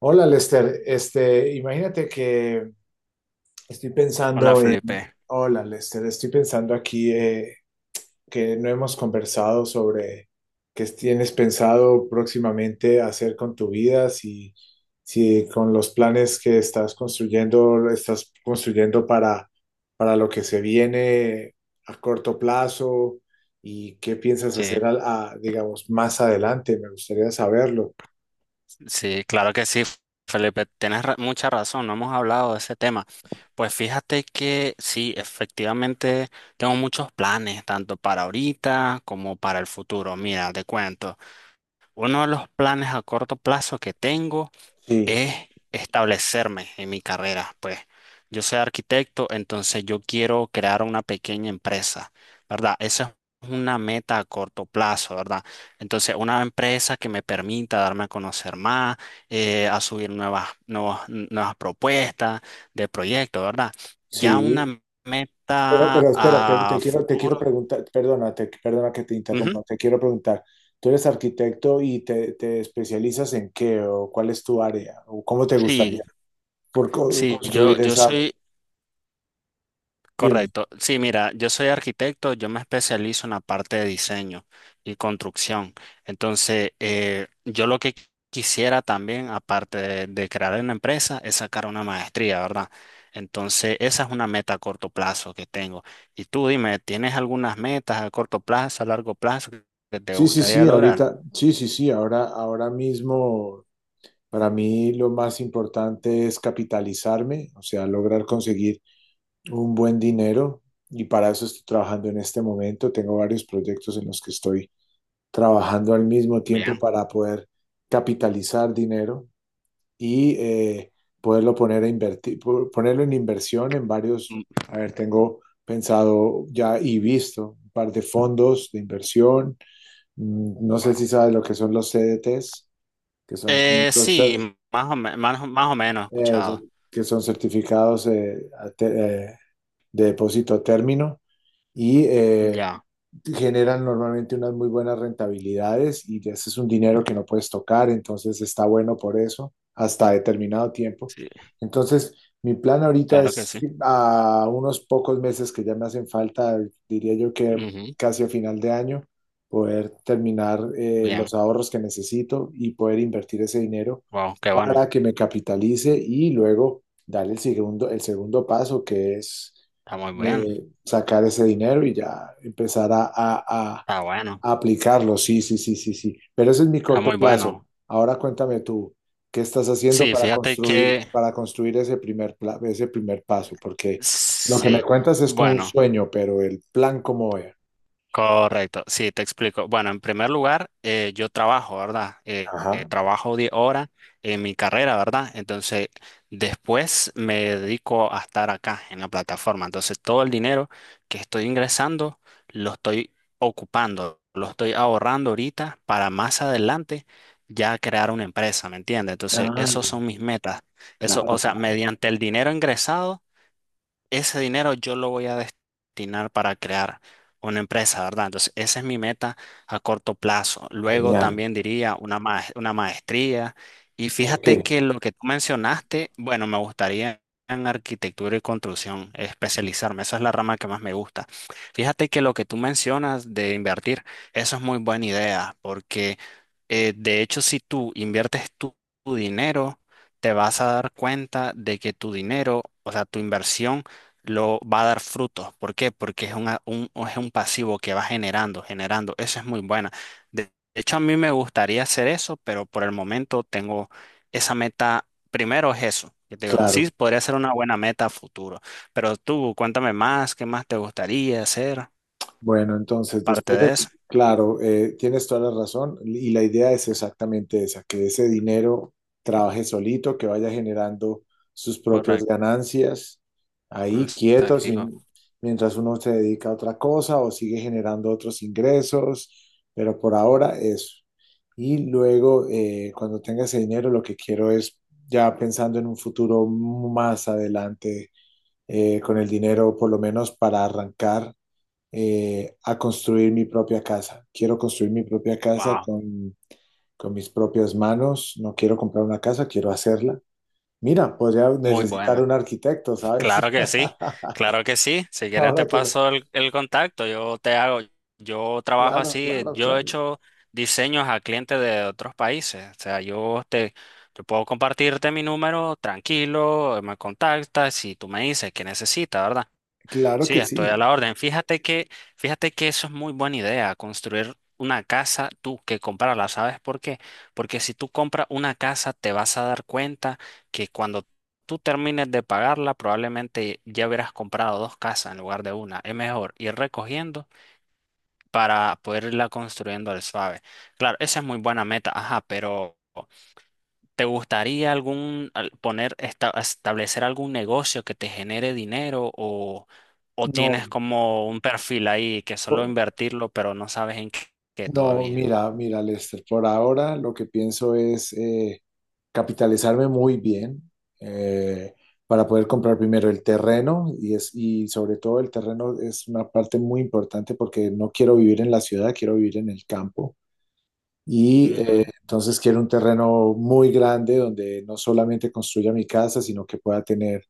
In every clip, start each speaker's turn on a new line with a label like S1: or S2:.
S1: Hola Lester, imagínate que estoy
S2: Hola Felipe,
S1: hola Lester, estoy pensando aquí, que no hemos conversado sobre qué tienes pensado próximamente hacer con tu vida, si con los planes que estás construyendo, lo estás construyendo para lo que se viene a corto plazo y qué piensas
S2: sí,
S1: hacer, digamos, más adelante, me gustaría saberlo.
S2: sí, claro que sí, Felipe, tienes mucha razón, no hemos hablado de ese tema. Pues fíjate que sí, efectivamente tengo muchos planes, tanto para ahorita como para el futuro. Mira, te cuento, uno de los planes a corto plazo que tengo
S1: Sí,
S2: es establecerme en mi carrera. Pues yo soy arquitecto, entonces yo quiero crear una pequeña empresa, ¿verdad? Esa es una meta a corto plazo, ¿verdad? Entonces, una empresa que me permita darme a conocer más, a subir nuevas propuestas de proyectos, ¿verdad? Ya
S1: sí.
S2: una
S1: Pero,
S2: meta
S1: pero espera,
S2: a
S1: te quiero
S2: futuro.
S1: preguntar, perdona, perdona que te
S2: Ujú.
S1: interrumpa, te quiero preguntar, ¿tú eres arquitecto y te especializas en qué o cuál es tu área o cómo te
S2: Sí,
S1: gustaría
S2: sí, yo,
S1: construir
S2: yo
S1: esa?
S2: soy
S1: Dime.
S2: Correcto. Sí, mira, yo soy arquitecto, yo me especializo en la parte de diseño y construcción. Entonces, yo lo que quisiera también, aparte de crear una empresa, es sacar una maestría, ¿verdad? Entonces, esa es una meta a corto plazo que tengo. Y tú dime, ¿tienes algunas metas a corto plazo, a largo plazo que te gustaría lograr?
S1: Sí, sí, sí, ahora mismo para mí lo más importante es capitalizarme, o sea, lograr conseguir un buen dinero y para eso estoy trabajando en este momento, tengo varios proyectos en los que estoy trabajando al mismo tiempo
S2: Bien.
S1: para poder capitalizar dinero y poderlo poner a invertir, ponerlo en inversión en varios,
S2: Mm,
S1: a ver, tengo pensado ya y visto un par de fondos de inversión. Mm, no sé
S2: wow.
S1: si sabes lo que son los CDTs, que son como
S2: Sí, más o, me- más, o- más o menos he
S1: eh, son-
S2: escuchado.
S1: que son certificados eh, de depósito a término, y
S2: Ya,
S1: generan normalmente unas muy buenas rentabilidades y ese es un dinero que no puedes tocar, entonces está bueno por eso, hasta determinado tiempo.
S2: sí,
S1: Entonces, mi plan ahorita
S2: claro que
S1: es
S2: sí.
S1: a unos pocos meses que ya me hacen falta, diría yo que
S2: Ujú.
S1: casi a final de año, poder terminar los
S2: Bien.
S1: ahorros que necesito y poder invertir ese dinero
S2: Wow, qué bueno.
S1: para que me capitalice y luego darle el segundo paso, que es
S2: Está muy bien.
S1: eh, sacar ese dinero y ya empezar a,
S2: Está bueno.
S1: a aplicarlo. Sí, sí, sí, sí, sí. Pero ese es mi
S2: Está
S1: corto
S2: muy
S1: plazo.
S2: bueno.
S1: Ahora cuéntame tú, ¿qué estás haciendo
S2: Sí, fíjate que
S1: para construir ese ese primer paso? Porque lo que me
S2: sí.
S1: cuentas es como un
S2: Bueno.
S1: sueño, pero el plan cómo es.
S2: Correcto, sí, te explico. Bueno, en primer lugar, yo trabajo, ¿verdad?
S1: Ajá.
S2: Trabajo 10 horas en mi carrera, ¿verdad? Entonces, después me dedico a estar acá en la plataforma. Entonces, todo el dinero que estoy ingresando lo estoy ocupando, lo estoy ahorrando ahorita para más adelante ya crear una empresa, ¿me entiendes? Entonces,
S1: Ah,
S2: esos son mis metas. Eso, o
S1: claro,
S2: sea,
S1: claro.
S2: mediante el dinero ingresado ese dinero yo lo voy a destinar para crear una empresa, ¿verdad? Entonces, esa es mi meta a corto plazo. Luego
S1: Genial.
S2: también diría una maestría. Y
S1: ¿En
S2: fíjate
S1: qué?
S2: que lo que tú mencionaste, bueno, me gustaría en arquitectura y construcción especializarme. Esa es la rama que más me gusta. Fíjate que lo que tú mencionas de invertir, eso es muy buena idea, porque de hecho, si tú inviertes tu dinero, te vas a dar cuenta de que tu dinero, o sea, tu inversión, lo va a dar frutos. ¿Por qué? Porque es es un pasivo que va generando, generando. Eso es muy buena. De hecho, a mí me gustaría hacer eso, pero por el momento tengo esa meta. Primero es eso, que te digo,
S1: Claro.
S2: sí, podría ser una buena meta a futuro. Pero tú, cuéntame más, ¿qué más te gustaría hacer?
S1: Bueno,
S2: Parte de eso.
S1: claro, tienes toda la razón y la idea es exactamente esa, que ese dinero trabaje solito, que vaya generando sus propias
S2: Correcto.
S1: ganancias, ahí quieto, mientras uno se dedica a otra cosa o sigue generando otros ingresos, pero por ahora eso. Y luego, cuando tenga ese dinero, lo que quiero es, ya pensando en un futuro más adelante, con el dinero, por lo menos para arrancar a construir mi propia casa. Quiero construir mi propia casa
S2: Wow,
S1: con mis propias manos. No quiero comprar una casa, quiero hacerla. Mira, podría
S2: muy
S1: necesitar
S2: buena.
S1: un arquitecto, ¿sabes?
S2: Claro que sí, claro que sí. Si quieres
S1: Ahora
S2: te
S1: que lo...
S2: paso el contacto, yo te hago, yo trabajo
S1: Claro,
S2: así,
S1: claro,
S2: yo he
S1: claro.
S2: hecho diseños a clientes de otros países. O sea, yo puedo compartirte mi número tranquilo, me contactas y tú me dices qué necesitas, ¿verdad?
S1: Claro
S2: Sí,
S1: que
S2: estoy a
S1: sí.
S2: la orden. Fíjate que eso es muy buena idea, construir una casa tú que comprarla. ¿Sabes por qué? Porque si tú compras una casa, te vas a dar cuenta que cuando tú termines de pagarla, probablemente ya hubieras comprado dos casas en lugar de una. Es mejor ir recogiendo para poder irla construyendo al suave. Claro, esa es muy buena meta, ajá, pero. ¿Te gustaría poner establecer algún negocio que te genere dinero o
S1: No,
S2: tienes como un perfil ahí que solo
S1: po-
S2: invertirlo, pero no sabes en qué, qué
S1: no,
S2: todavía?
S1: mira, mira, Lester, por ahora lo que pienso es... capitalizarme muy bien eh, para poder comprar primero el terreno y, y sobre todo el terreno es una parte muy importante porque no quiero vivir en la ciudad, quiero vivir en el campo. Y
S2: Ujú.
S1: entonces quiero un terreno muy grande donde no solamente construya mi casa, sino que pueda tener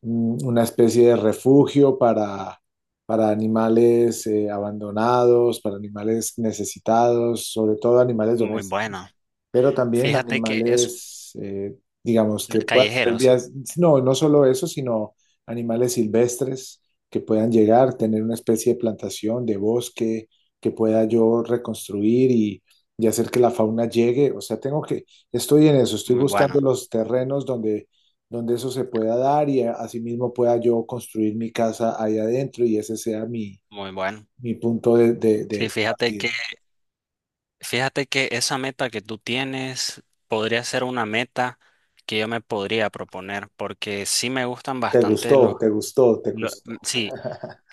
S1: una especie de refugio para animales abandonados, para animales necesitados, sobre todo animales
S2: Muy
S1: domésticos,
S2: bueno.
S1: pero también
S2: Fíjate que es
S1: animales, digamos, que puedan tener
S2: callejeros.
S1: vías, no, no solo eso, sino animales silvestres que puedan llegar, tener una especie de plantación, de bosque, que pueda yo reconstruir y hacer que la fauna llegue. O sea, estoy en eso, estoy
S2: Muy bueno,
S1: buscando los terrenos donde donde eso se pueda dar y asimismo pueda yo construir mi casa ahí adentro y ese sea
S2: muy bueno.
S1: mi punto
S2: Sí,
S1: de partida.
S2: fíjate que esa meta que tú tienes podría ser una meta que yo me podría proponer porque sí me gustan
S1: ¿Te
S2: bastante los,
S1: gustó? ¿Te gustó? ¿Te gustó?
S2: sí,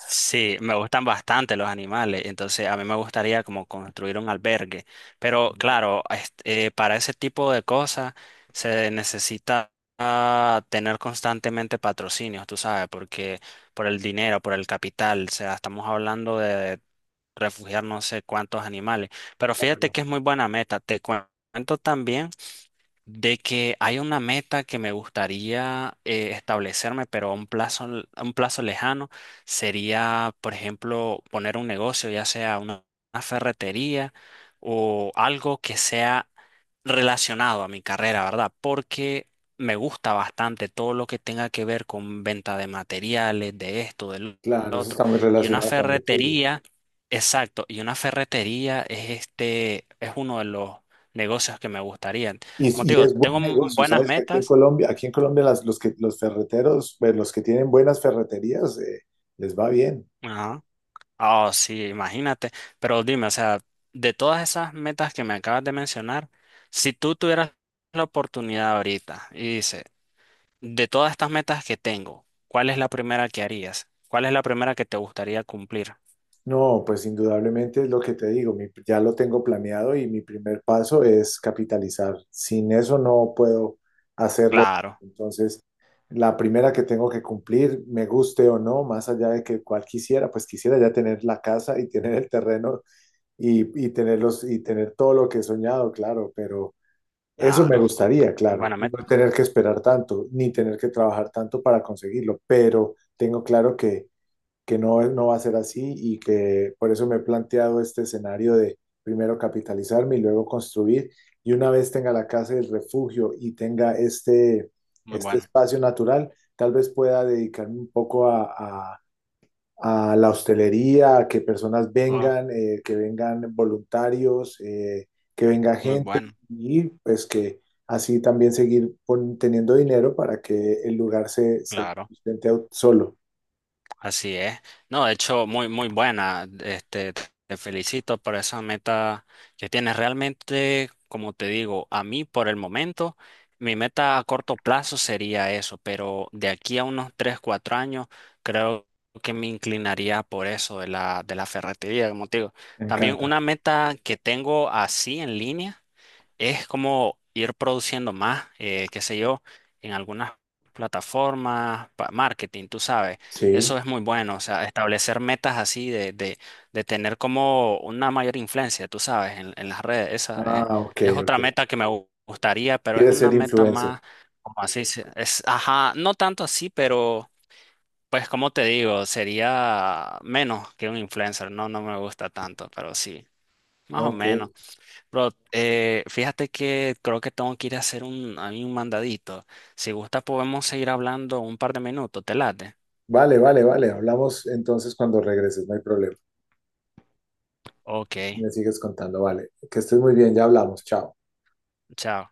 S2: sí, me gustan bastante los animales, entonces a mí me gustaría como construir un albergue, pero claro, este, para ese tipo de cosas se necesita ah, tener constantemente patrocinios, tú sabes, porque por el dinero, por el capital, o sea, estamos hablando de refugiar no sé cuántos animales, pero fíjate
S1: Claro,
S2: que es muy buena meta, te cuento también de que hay una meta que me gustaría establecerme, pero a un plazo, a un plazo lejano sería, por ejemplo, poner un negocio, ya sea una ferretería o algo que sea relacionado a mi carrera, ¿verdad? Porque me gusta bastante todo lo que tenga que ver con venta de materiales, de esto, del
S1: claro, eso
S2: otro.
S1: está muy
S2: Y una
S1: relacionado con lo tuyo.
S2: ferretería, exacto, y una ferretería es este, es uno de los negocios que me gustaría.
S1: Y,
S2: Como te
S1: y
S2: digo,
S1: es
S2: tengo
S1: buen negocio,
S2: buenas
S1: ¿sabes? Que
S2: metas.
S1: Aquí en Colombia los que, los ferreteros, pues, los que tienen buenas ferreterías, les va bien.
S2: Ajá. Oh, sí, imagínate. Pero dime, o sea, de todas esas metas que me acabas de mencionar, si tú tuvieras la oportunidad ahorita y dices, de todas estas metas que tengo, ¿cuál es la primera que harías? ¿Cuál es la primera que te gustaría cumplir?
S1: No, pues indudablemente es lo que te digo, ya lo tengo planeado y mi primer paso es capitalizar. Sin eso no puedo hacerlo.
S2: Claro,
S1: Entonces, la primera que tengo que cumplir, me guste o no, más allá de que cual quisiera, pues quisiera ya tener la casa y tener el terreno y tenerlos y tener todo lo que he soñado, claro, pero eso me
S2: claro.
S1: gustaría, claro,
S2: Buena
S1: y
S2: meta.
S1: no tener que esperar tanto, ni tener que trabajar tanto para conseguirlo, pero tengo claro que no, no va a ser así y que por eso me he planteado este escenario de primero capitalizarme y luego construir. Y una vez tenga la casa y el refugio y tenga
S2: Muy
S1: este
S2: bueno.
S1: espacio natural, tal vez pueda dedicarme un poco a- a la hostelería, a que personas
S2: Ah,
S1: vengan, que vengan voluntarios, que venga
S2: muy
S1: gente
S2: bueno.
S1: y pues que así también seguir teniendo dinero para que el lugar se
S2: Claro.
S1: sustente solo.
S2: Así es. No, de hecho, muy, muy buena. Este, te felicito por esa meta que tienes. Realmente, como te digo, a mí por el momento, mi meta a corto plazo sería eso, pero de aquí a unos 3, 4 años, creo que me inclinaría por eso de la ferretería, como te digo.
S1: Me
S2: También
S1: encanta.
S2: una meta que tengo así en línea es como ir produciendo más, qué sé yo, en algunas plataformas, marketing, tú sabes,
S1: Sí.
S2: eso es muy bueno, o sea, establecer metas así de tener como una mayor influencia, tú sabes, en las redes, esa
S1: Ah, ok,
S2: es
S1: ok.
S2: otra meta que me gustaría, pero es
S1: ¿Quieres ser
S2: una meta
S1: influencer?
S2: más, como así, ajá, no tanto así, pero pues como te digo, sería menos que un influencer, no, no me gusta tanto, pero sí, más o
S1: Ok.
S2: menos. Bro, fíjate que creo que tengo que ir a hacer a mí un mandadito. Si gusta podemos seguir hablando un par de minutos, ¿te late?
S1: Vale, vale, vale. Hablamos entonces cuando regreses, no hay problema.
S2: Ok,
S1: Me sigues contando, vale. Que estés muy bien, ya hablamos. Chao.
S2: chao.